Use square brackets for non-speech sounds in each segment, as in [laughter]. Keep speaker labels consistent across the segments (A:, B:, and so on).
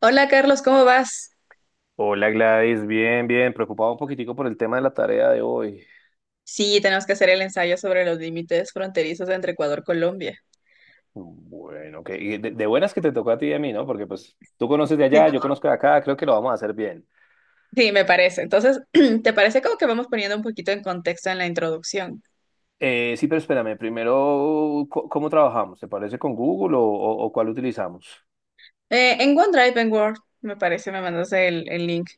A: Hola Carlos, ¿cómo vas?
B: Hola Gladys, bien, bien, preocupado un poquitico por el tema de la tarea de hoy.
A: Sí, tenemos que hacer el ensayo sobre los límites fronterizos entre Ecuador y Colombia.
B: Bueno, que y de buenas que te tocó a ti y a mí, ¿no? Porque pues tú conoces de allá, yo
A: [laughs]
B: conozco de acá, creo que lo vamos a hacer bien.
A: Sí, me parece. Entonces, [clears throat] ¿te parece como que vamos poniendo un poquito en contexto en la introducción?
B: Sí, pero espérame, primero, ¿cómo trabajamos? ¿Te parece con Google o cuál utilizamos?
A: En OneDrive, en Word, me parece, me mandas el link.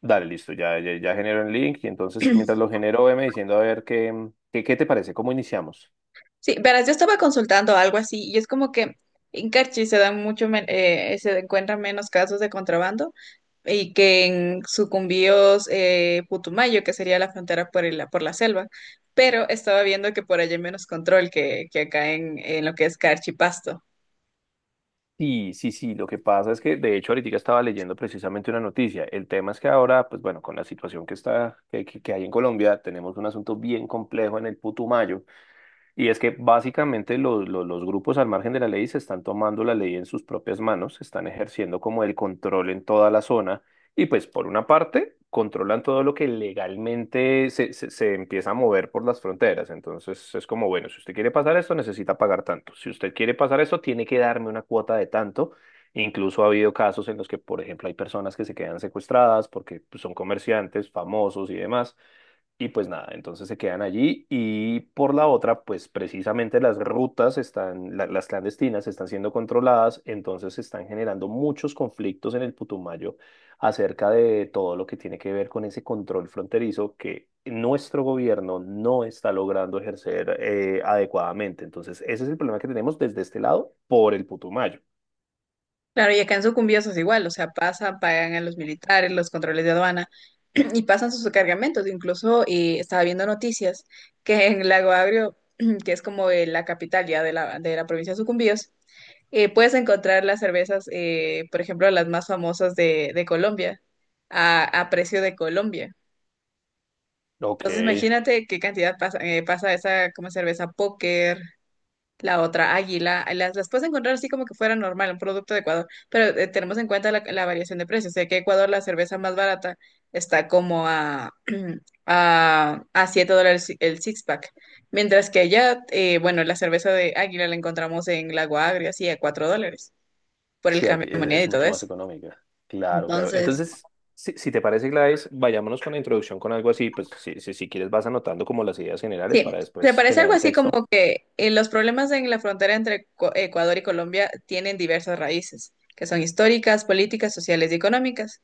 B: Dale, listo, ya, ya, ya genero el link y entonces mientras lo genero, veme diciendo a ver qué te parece, cómo iniciamos.
A: Sí, verás, yo estaba consultando algo así y es como que en Carchi se dan mucho, se encuentran menos casos de contrabando y que en Sucumbíos, Putumayo, que sería la frontera por la selva, pero estaba viendo que por allá hay menos control que acá en lo que es Carchi Pasto.
B: Sí, sí, sí, lo que pasa es que de hecho ahorita estaba leyendo precisamente una noticia. El tema es que ahora, pues bueno, con la situación que está, que hay en Colombia, tenemos un asunto bien complejo en el Putumayo, y es que básicamente los grupos al margen de la ley se están tomando la ley en sus propias manos, están ejerciendo como el control en toda la zona y pues por una parte controlan todo lo que legalmente se empieza a mover por las fronteras. Entonces es como, bueno, si usted quiere pasar esto necesita pagar tanto, si usted quiere pasar esto tiene que darme una cuota de tanto. Incluso ha habido casos en los que, por ejemplo, hay personas que se quedan secuestradas porque pues, son comerciantes famosos y demás y pues nada, entonces se quedan allí y por la otra, pues precisamente las rutas están, la- las clandestinas están siendo controladas, entonces se están generando muchos conflictos en el Putumayo acerca de todo lo que tiene que ver con ese control fronterizo que nuestro gobierno no está logrando ejercer adecuadamente. Entonces, ese es el problema que tenemos desde este lado por el Putumayo.
A: Claro, y acá en Sucumbíos es igual, o sea, pasan, pagan a los militares, los controles de aduana [clears throat] y pasan sus cargamentos. Incluso estaba viendo noticias que en Lago Agrio, [clears throat] que es como la capital ya de la provincia de Sucumbíos, puedes encontrar las cervezas, por ejemplo, las más famosas de Colombia, a precio de Colombia.
B: Ok.
A: Entonces, imagínate qué cantidad pasa, pasa esa como cerveza Póker, la otra, águila, las puedes encontrar así como que fuera normal, un producto de Ecuador, pero tenemos en cuenta la variación de precios. Sé que Ecuador la cerveza más barata está como [clears throat] a $7 si, el six pack, mientras que allá, bueno, la cerveza de águila la encontramos en Lago Agrio, así a $4 por el
B: Sí, aquí
A: cambio de
B: es,
A: moneda
B: es
A: y todo
B: mucho más
A: eso.
B: económica. Claro, claro.
A: Entonces,
B: Entonces, si te parece, Gladys, vayámonos con la introducción con algo así. Pues si, si quieres vas anotando como las ideas generales
A: sí,
B: para
A: me
B: después
A: parece
B: generar
A: algo
B: el
A: así como
B: texto.
A: que los problemas en la frontera entre Ecuador y Colombia tienen diversas raíces, que son históricas, políticas, sociales y económicas.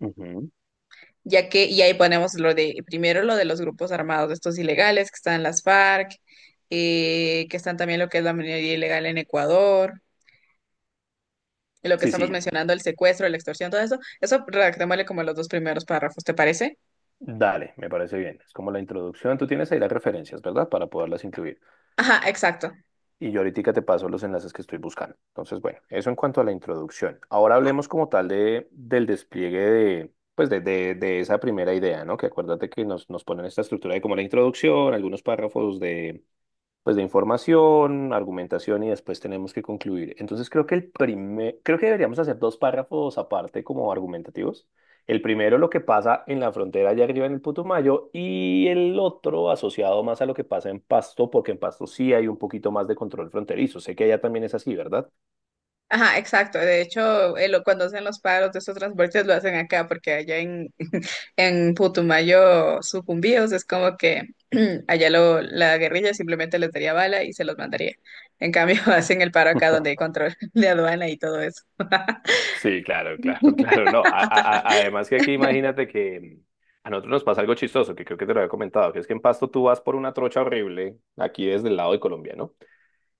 B: Ujú.
A: Ya que, y ahí ponemos lo de, primero lo de los grupos armados, estos ilegales que están las FARC, que están también lo que es la minería ilegal en Ecuador, y lo que
B: Sí,
A: estamos
B: sí,
A: mencionando, el secuestro, la extorsión, todo eso, eso redactémosle como los dos primeros párrafos, ¿te parece?
B: dale, me parece bien. Es como la introducción. Tú tienes ahí las referencias, ¿verdad? Para poderlas incluir.
A: Ajá, exacto.
B: Y yo ahorita te paso los enlaces que estoy buscando. Entonces, bueno, eso en cuanto a la introducción. Ahora hablemos como tal del despliegue de... Pues de esa primera idea, ¿no? Que acuérdate que nos ponen esta estructura de como la introducción, algunos párrafos de, pues de información, argumentación y después tenemos que concluir. Entonces creo que el primer, creo que deberíamos hacer dos párrafos aparte como argumentativos. El primero lo que pasa en la frontera allá arriba en el Putumayo y el otro asociado más a lo que pasa en Pasto, porque en Pasto sí hay un poquito más de control fronterizo. Sé que allá también es así, ¿verdad?
A: Ajá, exacto. De hecho, cuando hacen los paros de estos transportes lo hacen acá, porque en Putumayo sucumbíos, es como que [clears throat] allá lo, la guerrilla simplemente les daría bala y se los mandaría. En cambio, [laughs] hacen el paro acá donde hay control de aduana y todo eso.
B: Sí, claro, claro, claro. No, a- además que aquí imagínate que a nosotros nos pasa algo chistoso, que creo que te lo había comentado, que es que en Pasto tú vas por una trocha horrible, aquí desde el lado de Colombia, ¿no?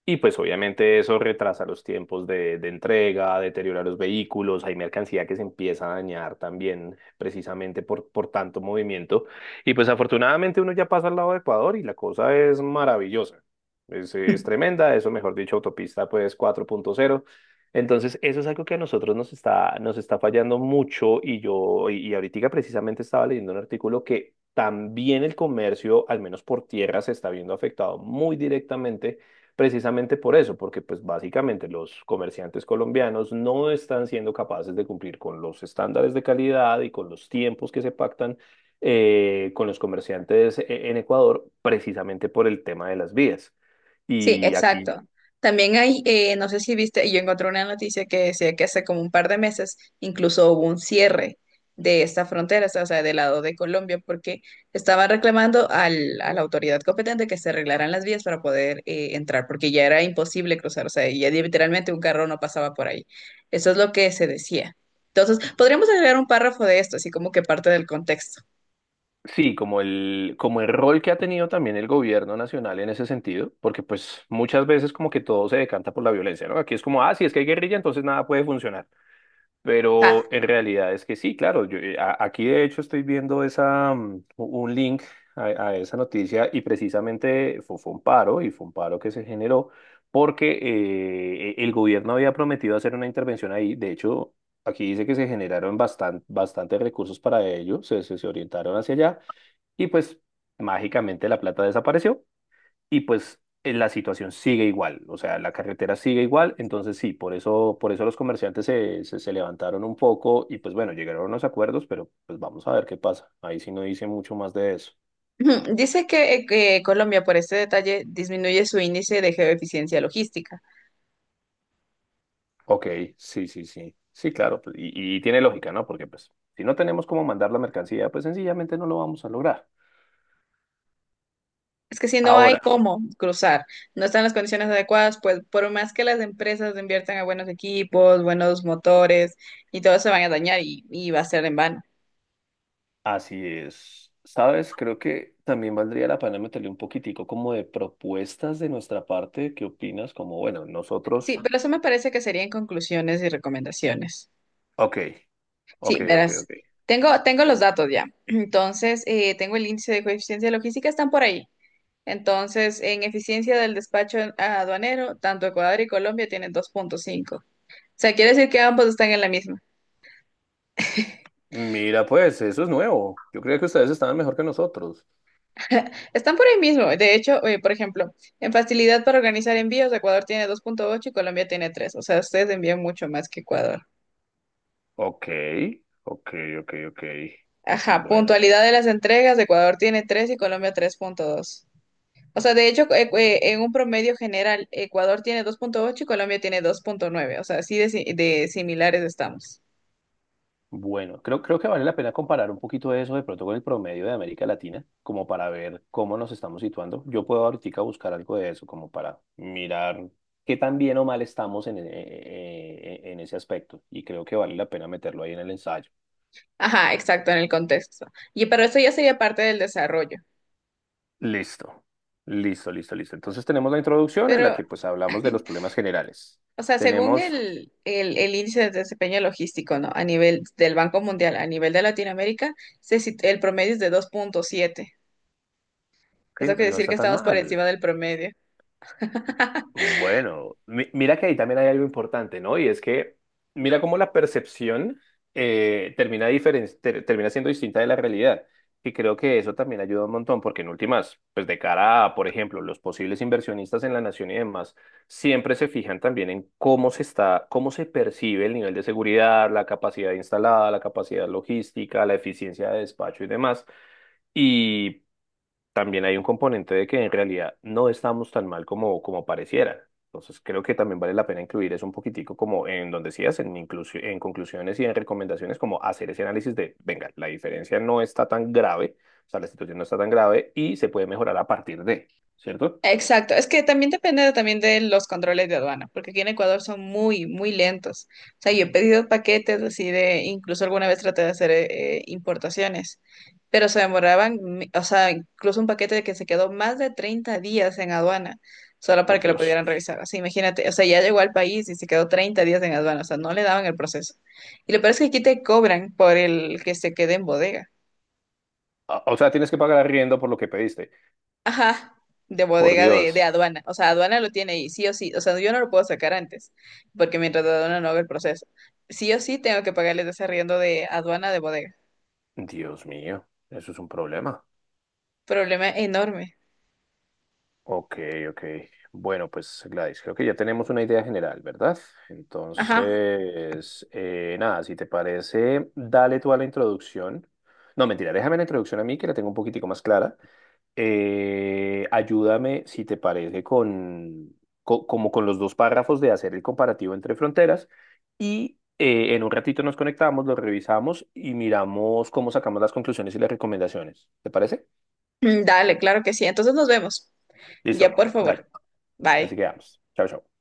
B: Y pues obviamente eso retrasa los tiempos de entrega, deteriora los vehículos, hay mercancía que se empieza a dañar también precisamente por tanto movimiento. Y pues afortunadamente uno ya pasa al lado de Ecuador y la cosa es maravillosa. Es tremenda, eso mejor dicho, autopista pues cuatro punto cero. Entonces eso es algo que a nosotros nos está fallando mucho y y ahorita precisamente estaba leyendo un artículo que también el comercio, al menos por tierra, se está viendo afectado muy directamente precisamente por eso, porque pues básicamente los comerciantes colombianos no están siendo capaces de cumplir con los estándares de calidad y con los tiempos que se pactan con los comerciantes en Ecuador, precisamente por el tema de las vías.
A: Sí,
B: Y aquí,
A: exacto. También hay, no sé si viste, yo encontré una noticia que decía que hace como un par de meses incluso hubo un cierre de esta frontera, o sea, del lado de Colombia, porque estaban reclamando a la autoridad competente que se arreglaran las vías para poder entrar, porque ya era imposible cruzar, o sea, ya literalmente un carro no pasaba por ahí. Eso es lo que se decía. Entonces, podríamos agregar un párrafo de esto, así como que parte del contexto.
B: sí, como el rol que ha tenido también el gobierno nacional en ese sentido, porque pues muchas veces como que todo se decanta por la violencia, ¿no? Aquí es como, ah, si es que hay guerrilla, entonces nada puede funcionar. Pero
A: Ajá.
B: en realidad es que sí, claro, aquí de hecho estoy viendo un link a, a esa noticia y precisamente fue, fue un paro y fue un paro que se generó porque el gobierno había prometido hacer una intervención ahí. De hecho, aquí dice que se generaron bastantes recursos para ello, se orientaron hacia allá y pues mágicamente la plata desapareció y pues la situación sigue igual, o sea, la carretera sigue igual, entonces sí, por eso los comerciantes se levantaron un poco y pues bueno, llegaron a unos acuerdos, pero pues vamos a ver qué pasa. Ahí sí no dice mucho más de eso.
A: Ujú. Dice que Colombia por este detalle disminuye su índice de geoeficiencia logística.
B: Ok, sí, sí, sí. Sí, claro, pues, y tiene lógica, ¿no? Porque pues si no tenemos cómo mandar la mercancía, pues sencillamente no lo vamos a lograr.
A: Es que si no hay
B: Ahora,
A: cómo cruzar, no están las condiciones adecuadas, pues por más que las empresas inviertan a buenos equipos, buenos motores y todo se van a dañar y va a ser en vano.
B: así es. Sabes, creo que también valdría la pena meterle un poquitico como de propuestas de nuestra parte. ¿Qué opinas? Como, bueno,
A: Sí,
B: nosotros,
A: pero eso me parece que serían conclusiones y recomendaciones.
B: ok, ok,
A: Sí,
B: ok,
A: verás,
B: ok.
A: tengo los datos ya. Entonces, tengo el índice de coeficiencia logística, están por ahí. Entonces, en eficiencia del despacho aduanero, tanto Ecuador y Colombia tienen 2.5. O sea, quiere decir que ambos están en la misma.
B: Mira, pues eso es nuevo. Yo creía que ustedes estaban mejor que nosotros.
A: [laughs] Están por ahí mismo. De hecho, por ejemplo, en facilidad para organizar envíos, Ecuador tiene 2.8 y Colombia tiene 3. O sea, ustedes envían mucho más que Ecuador.
B: Ok, ok, ok, ok.
A: Ajá,
B: Bueno,
A: puntualidad de las entregas, Ecuador tiene 3 y Colombia 3.2. O sea, de hecho, en un promedio general, Ecuador tiene 2.8 y Colombia tiene 2.9. O sea, así de, de similares estamos.
B: bueno, creo que vale la pena comparar un poquito eso de pronto con el promedio de América Latina, como para ver cómo nos estamos situando. Yo puedo ahorita buscar algo de eso, como para mirar qué tan bien o mal estamos en ese aspecto. Y creo que vale la pena meterlo ahí en el ensayo.
A: Ajá, exacto, en el contexto. Y pero eso ya sería parte del desarrollo.
B: Listo, listo, listo, listo. Entonces tenemos la introducción en la
A: Pero,
B: que pues hablamos de los problemas generales.
A: o sea, según
B: Tenemos,
A: el índice de desempeño logístico, ¿no? A nivel del Banco Mundial, a nivel de Latinoamérica, el promedio es de 2.7.
B: que
A: Eso
B: no
A: quiere
B: no
A: decir que
B: está tan
A: estamos por
B: mal.
A: encima del promedio.
B: Bueno, mira que ahí también hay algo importante, ¿no? Y es que mira cómo la percepción termina siendo distinta de la realidad. Y creo que eso también ayuda un montón, porque en últimas, pues de cara a, por ejemplo, los posibles inversionistas en la nación y demás, siempre se fijan también en cómo se está, cómo se percibe el nivel de seguridad, la capacidad instalada, la capacidad logística, la eficiencia de despacho y demás. Y también hay un componente de que en realidad no estamos tan mal como, como pareciera. Entonces creo que también vale la pena incluir eso un poquitico como en donde decías, en, en conclusiones y en recomendaciones, como hacer ese análisis de, venga, la diferencia no está tan grave, o sea, la situación no está tan grave y se puede mejorar a partir de, ¿cierto?
A: Exacto, es que también depende también de los controles de aduana, porque aquí en Ecuador son muy, muy lentos. O sea, yo he pedido paquetes así de, incluso alguna vez traté de hacer importaciones, pero se demoraban, o sea, incluso un paquete que se quedó más de 30 días en aduana, solo para
B: Por
A: que lo
B: Dios.
A: pudieran revisar. Así, imagínate, o sea, ya llegó al país y se quedó 30 días en aduana, o sea, no le daban el proceso. Y lo peor es que aquí te cobran por el que se quede en bodega.
B: Ah, o sea, tienes que pagar arriendo por lo que pediste.
A: Ajá, de
B: Por
A: bodega de
B: Dios.
A: aduana. O sea, aduana lo tiene ahí, sí o sí. O sea, yo no lo puedo sacar antes, porque mientras aduana no haga el proceso. Sí o sí tengo que pagarles ese arriendo de aduana de bodega.
B: Dios mío, eso es un problema.
A: Problema enorme.
B: Ok, ok. Bueno, pues Gladys, creo que ya tenemos una idea general, ¿verdad?
A: Ajá.
B: Entonces, nada, si te parece, dale tú a la introducción. No, mentira, déjame la introducción a mí, que la tengo un poquitico más clara. Ayúdame, si te parece, con, como con los dos párrafos de hacer el comparativo entre fronteras y en un ratito nos conectamos, lo revisamos y miramos cómo sacamos las conclusiones y las recomendaciones. ¿Te parece?
A: Mm, dale, claro que sí. Entonces nos vemos. Ya,
B: Listo,
A: por
B: dale.
A: favor.
B: Así
A: Bye.
B: que vamos. Chao, chao.